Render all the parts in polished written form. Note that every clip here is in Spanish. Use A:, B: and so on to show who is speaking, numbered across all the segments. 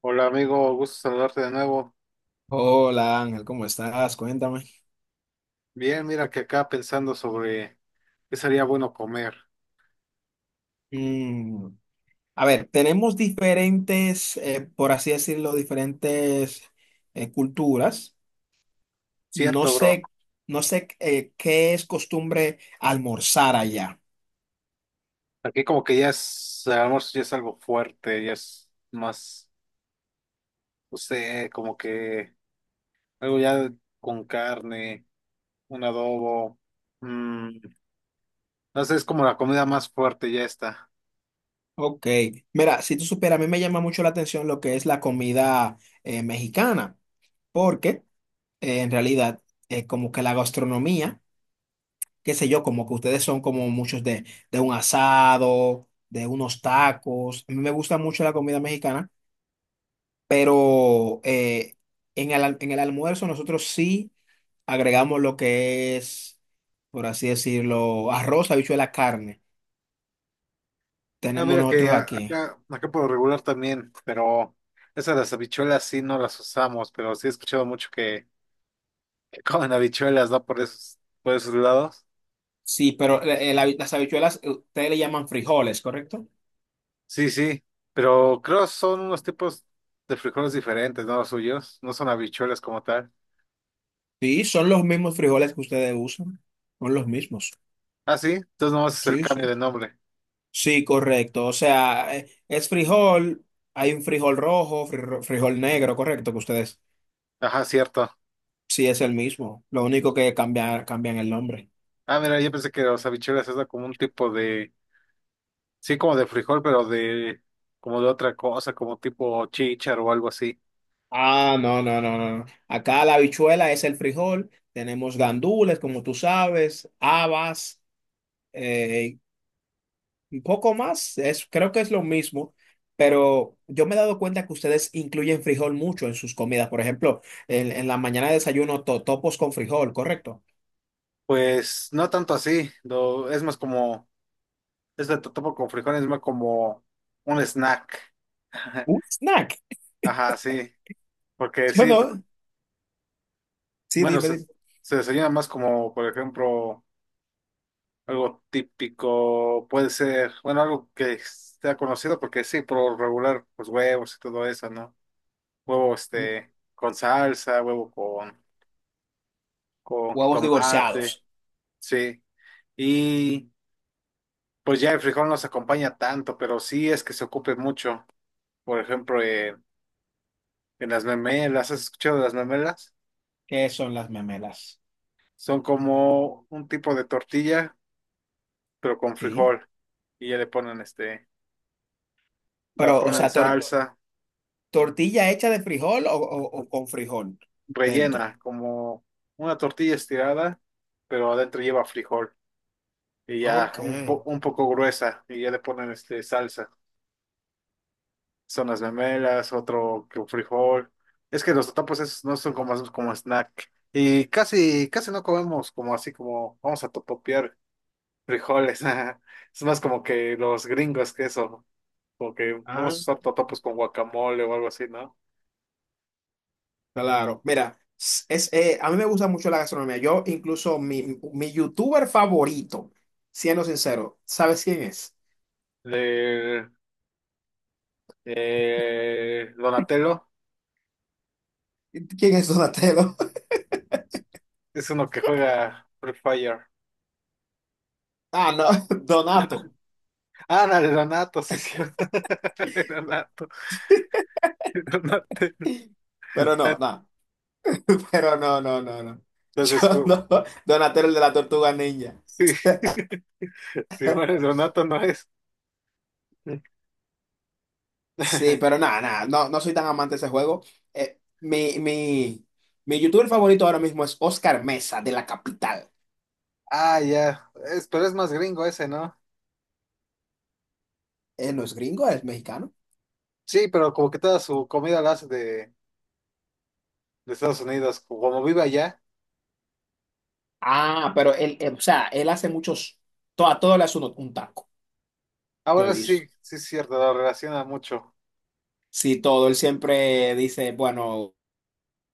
A: Hola amigo, gusto saludarte de nuevo.
B: Hola Ángel, ¿cómo estás? Cuéntame.
A: Bien, mira que acá pensando sobre qué sería bueno comer.
B: Mm, a ver, tenemos diferentes, por así decirlo, diferentes culturas. No
A: Cierto, bro.
B: sé, no sé qué es costumbre almorzar allá.
A: Aquí como que ya es, el almuerzo ya es algo fuerte, ya es más, no sé, como que algo ya con carne, un adobo. mm, no sé, es como la comida más fuerte, ya está.
B: Ok, mira, si tú supieras, a mí me llama mucho la atención lo que es la comida mexicana, porque en realidad como que la gastronomía qué sé yo, como que ustedes son como muchos de un asado, de unos tacos. A mí me gusta mucho la comida mexicana, pero en el almuerzo nosotros sí agregamos lo que es, por así decirlo, arroz, habichuela, carne.
A: Ah,
B: Tenemos
A: mira que
B: nosotros aquí.
A: acá, acá por lo regular también, pero esas las habichuelas sí no las usamos, pero sí he escuchado mucho que comen habichuelas, ¿no? Por esos lados.
B: Sí, pero las habichuelas, ustedes le llaman frijoles, ¿correcto?
A: Sí, sí, pero creo son unos tipos de frijoles diferentes, ¿no? Los suyos, no son habichuelas como tal.
B: Sí, son los mismos frijoles que ustedes usan. Son los mismos.
A: Ah, sí, entonces nomás es el
B: Sí,
A: cambio
B: sí.
A: de nombre.
B: Sí, correcto. O sea, es frijol, hay un frijol rojo, frijol negro, correcto, que ustedes
A: Ajá, cierto.
B: sí es el mismo. Lo único que cambia, cambian el nombre.
A: Ah, mira, yo pensé que los habichuelas era como un tipo de, sí, como de frijol, pero de, como de otra cosa, como tipo chícharo o algo así.
B: Ah, no, no, no, no. No. Acá la habichuela es el frijol, tenemos gandules, como tú sabes, habas, eh, un poco más, es, creo que es lo mismo. Pero yo me he dado cuenta que ustedes incluyen frijol mucho en sus comidas. Por ejemplo, en la mañana desayuno totopos con frijol, ¿correcto?
A: Pues no tanto así, es más como, es de totopo con frijoles, es más como un snack.
B: Un snack.
A: Ajá, sí, porque
B: Yo
A: sí,
B: no. Sí,
A: bueno,
B: dime,
A: se,
B: dime.
A: se desayuna más como, por ejemplo, algo típico, puede ser, bueno, algo que sea conocido porque sí, por lo regular, pues huevos y todo eso, ¿no? Huevo este con salsa, huevo con huevo
B: Huevos
A: jitomate,
B: divorciados,
A: sí. Y pues ya el frijol no se acompaña tanto, pero sí es que se ocupe mucho. Por ejemplo, en las memelas, ¿has escuchado de las memelas?
B: ¿qué son las memelas?
A: Son como un tipo de tortilla, pero con
B: ¿Sí?
A: frijol. Y ya le ponen este, la
B: Pero, o
A: ponen
B: sea,
A: salsa.
B: tortilla hecha de frijol o, o con frijol dentro.
A: Rellena, como una tortilla estirada, pero adentro lleva frijol y ya
B: Ok.
A: un, un poco gruesa y ya le ponen este salsa. Son las memelas, otro que un frijol. Es que los totopos esos no son como, como snack. Y casi, casi no comemos como así como vamos a totopear frijoles. Es más como que los gringos que eso, como que vamos
B: Ah,
A: a usar totopos con guacamole o algo así, ¿no?
B: claro, mira, es, a mí me gusta mucho la gastronomía. Yo, incluso, mi youtuber favorito, siendo sincero, ¿sabes quién es?
A: De Donatello.
B: ¿Quién es Donatello?
A: Es uno que juega Free Fire.
B: Ah, no, Donato.
A: Ah, no, el Donato, sí, sí. El Donato, el Donato.
B: Pero no, no. Pero no, no, no, no. Yo
A: Entonces, pues,
B: no. Donatello el de la tortuga ninja.
A: sí. Si muere el Donato, no es.
B: Sí, pero nada, nada, no, no soy tan amante de ese juego. Eh, mi, mi, mi youtuber favorito ahora mismo es Oscar Mesa, de La Capital.
A: Ah, ya. Es, pero es más gringo ese, ¿no?
B: Él no es gringo, es mexicano.
A: Sí, pero como que toda su comida la hace de Estados Unidos, como vive allá.
B: Ah, pero o sea, él hace muchos, a todo le hace un taco,
A: Ah,
B: yo
A: bueno,
B: he
A: eso sí,
B: visto.
A: sí es cierto, lo relaciona mucho.
B: Sí, todo, él siempre dice, bueno,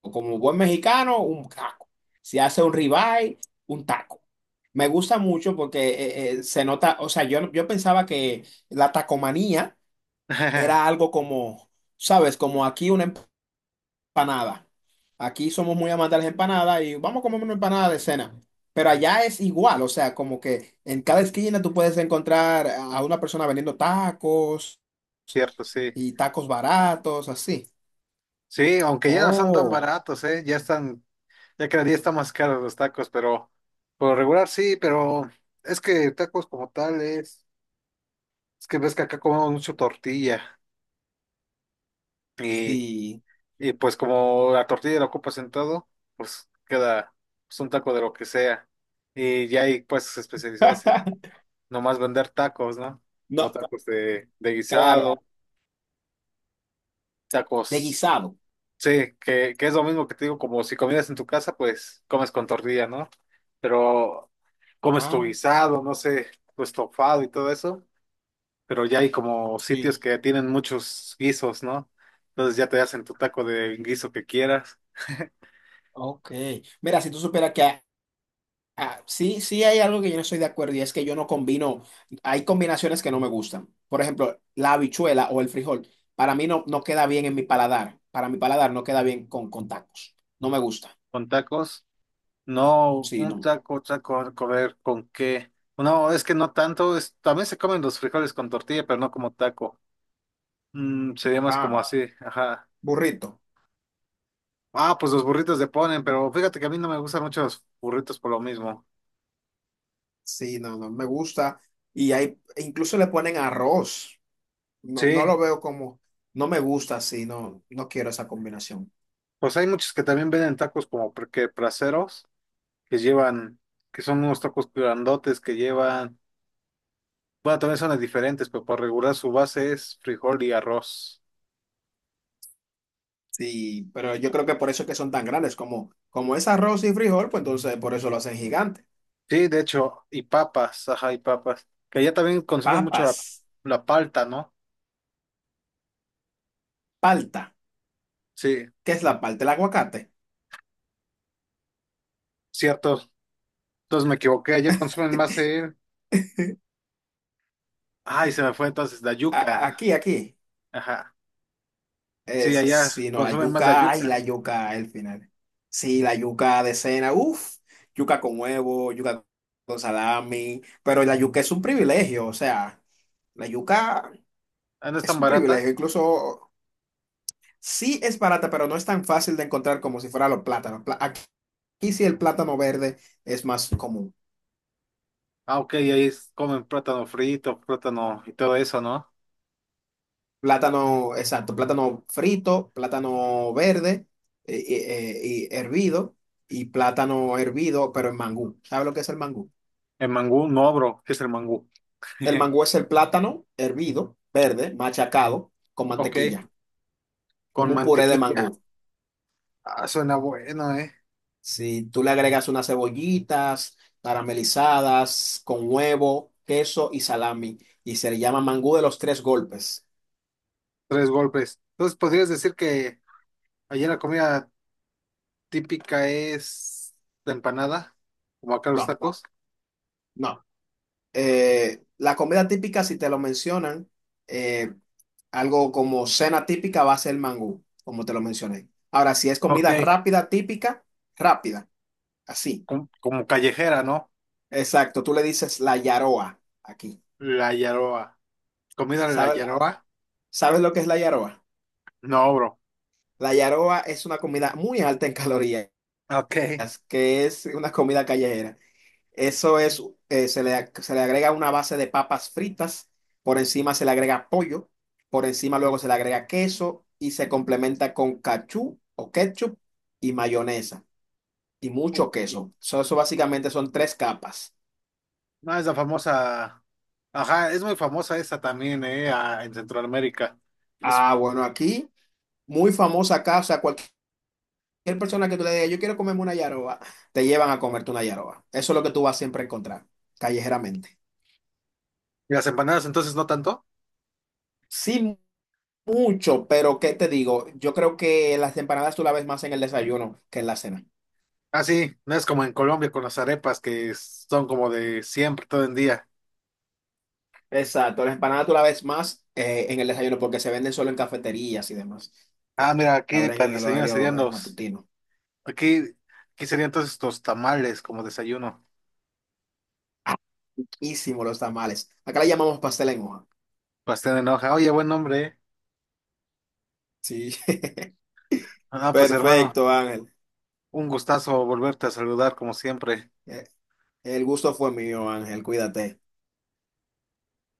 B: como buen mexicano, un taco. Si hace un ribeye, un taco. Me gusta mucho porque se nota, o sea, yo pensaba que la tacomanía era algo como, ¿sabes? Como aquí una empanada. Aquí somos muy amantes de las empanadas y vamos a comer una empanada de cena. Pero allá es igual, o sea, como que en cada esquina tú puedes encontrar a una persona vendiendo tacos
A: Cierto, sí.
B: y tacos baratos, así.
A: Sí, aunque ya no son tan
B: Oh,
A: baratos, ¿eh? Ya están, ya cada día está más caros los tacos, pero por lo regular sí, pero es que tacos como tal es que ves que acá comemos mucho tortilla y,
B: sí.
A: y pues como la tortilla la ocupas en todo, pues queda pues, un taco de lo que sea. Y ya hay puestos especializados en nomás vender tacos, ¿no? Como
B: No,
A: tacos de
B: claro,
A: guisado,
B: de
A: tacos.
B: guisado.
A: Sí, que es lo mismo que te digo, como si comieras en tu casa, pues comes con tortilla, ¿no? Pero comes tu
B: Ah,
A: guisado, no sé, tu estofado y todo eso, pero ya hay como sitios
B: sí.
A: que tienen muchos guisos, ¿no? Entonces ya te hacen tu taco de guiso que quieras,
B: Ok. Mira, si tú supieras que ah, sí, sí hay algo que yo no estoy de acuerdo y es que yo no combino, hay combinaciones que no me gustan. Por ejemplo, la habichuela o el frijol, para mí no, no queda bien en mi paladar, para mi paladar no queda bien con tacos, no me gusta,
A: con tacos. No,
B: sí,
A: un
B: no.
A: taco, taco, comer con qué. No, es que no tanto, es, también se comen los frijoles con tortilla, pero no como taco. Mm, sería más como
B: Ah,
A: así, ajá.
B: burrito,
A: Ah, pues los burritos de ponen, pero fíjate que a mí no me gustan mucho los burritos por lo mismo.
B: sí, no, no me gusta y hay, e incluso le ponen arroz, no, no
A: Sí,
B: lo veo como, no me gusta, sí, no, no quiero esa combinación.
A: pues hay muchos que también venden tacos como que placeros, que llevan, que son unos tacos grandotes que llevan, bueno, también son diferentes, pero por regular su base es frijol y arroz.
B: Sí, pero yo creo que por eso es que son tan grandes, como, como es arroz y frijol, pues entonces por eso lo hacen gigante.
A: Sí, de hecho, y papas, ajá, y papas, que allá también consumen mucho la,
B: Papas.
A: la palta, ¿no?
B: Palta.
A: Sí,
B: ¿Qué es la palta? El aguacate.
A: cierto, entonces me equivoqué, allá consumen más el, ay, se me fue entonces la yuca,
B: Aquí, aquí.
A: ajá, sí,
B: Es,
A: allá
B: si no, la
A: consumen más la
B: yuca. Ay,
A: yuca,
B: la
A: ¿no?
B: yuca, el final. Sí, la yuca de cena. Uf, yuca con huevo, yuca con salami. Pero la yuca es un privilegio. O sea, la yuca
A: Ah, ¿no es
B: es
A: tan
B: un
A: barata?
B: privilegio. Incluso sí es barata, pero no es tan fácil de encontrar como si fuera los plátanos. Aquí sí el plátano verde es más común.
A: Ah, ok, ahí es, comen plátano frito, plátano y todo eso, ¿no?
B: Plátano, exacto, plátano frito, plátano verde y hervido y plátano hervido, pero en mangú. ¿Sabes lo que es el mangú?
A: El mangú, no, bro, ¿qué es el mangú?
B: El mangú es el plátano hervido, verde, machacado con
A: Ok,
B: mantequilla,
A: con
B: como un puré de
A: mantequilla.
B: mangú.
A: Ah, suena bueno, ¿eh?
B: Si tú le agregas unas cebollitas caramelizadas con huevo, queso y salami y se le llama mangú de los tres golpes.
A: Tres golpes. Entonces, ¿podrías decir que allá la comida típica es la empanada, como acá los
B: No,
A: tacos?
B: no. La comida típica, si te lo mencionan, eh, algo como cena típica va a ser mangú, como te lo mencioné. Ahora, si es
A: Ok,
B: comida rápida, típica, rápida, así.
A: como callejera, ¿no?
B: Exacto, tú le dices la yaroa aquí.
A: La yaroa. ¿Comida de la
B: ¿Sabes,
A: yaroa?
B: ¿sabes lo que es la yaroa?
A: No, bro.
B: La yaroa es una comida muy alta en calorías,
A: Ok.
B: que es una comida callejera. Eso es, se le agrega una base de papas fritas, por encima se le agrega pollo, por encima luego se le agrega queso y se complementa con cachú o ketchup y mayonesa y mucho queso. So, eso básicamente son tres capas.
A: No, es la famosa. Ajá, es muy famosa esa también, ¿eh? Ah, en Centroamérica. Pues,
B: Ah, bueno, aquí muy famosa acá, o sea, cualquier persona que tú le digas, yo quiero comerme una yaroba, te llevan a comerte una yaroba. Eso es lo que tú vas siempre a encontrar, callejeramente.
A: ¿y las empanadas entonces no tanto?
B: Sí, mucho, pero ¿qué te digo? Yo creo que las empanadas tú las ves más en el desayuno que en la cena.
A: Ah, sí, no es como en Colombia con las arepas que son como de siempre, todo el día.
B: Exacto, las empanadas tú las ves más en el desayuno porque se venden solo en cafeterías y demás.
A: Ah, mira, aquí
B: Abren
A: para el
B: en el
A: desayuno serían
B: horario
A: los.
B: matutino.
A: Aquí, aquí serían entonces los tamales como desayuno.
B: Riquísimo los tamales. Acá le llamamos pastel en hoja.
A: Pastel en hoja. Oye, buen nombre, ¿eh?
B: Sí.
A: Ah, pues hermano,
B: Perfecto, Ángel.
A: un gustazo volverte a saludar como siempre.
B: Eh, El gusto fue mío, Ángel. Cuídate.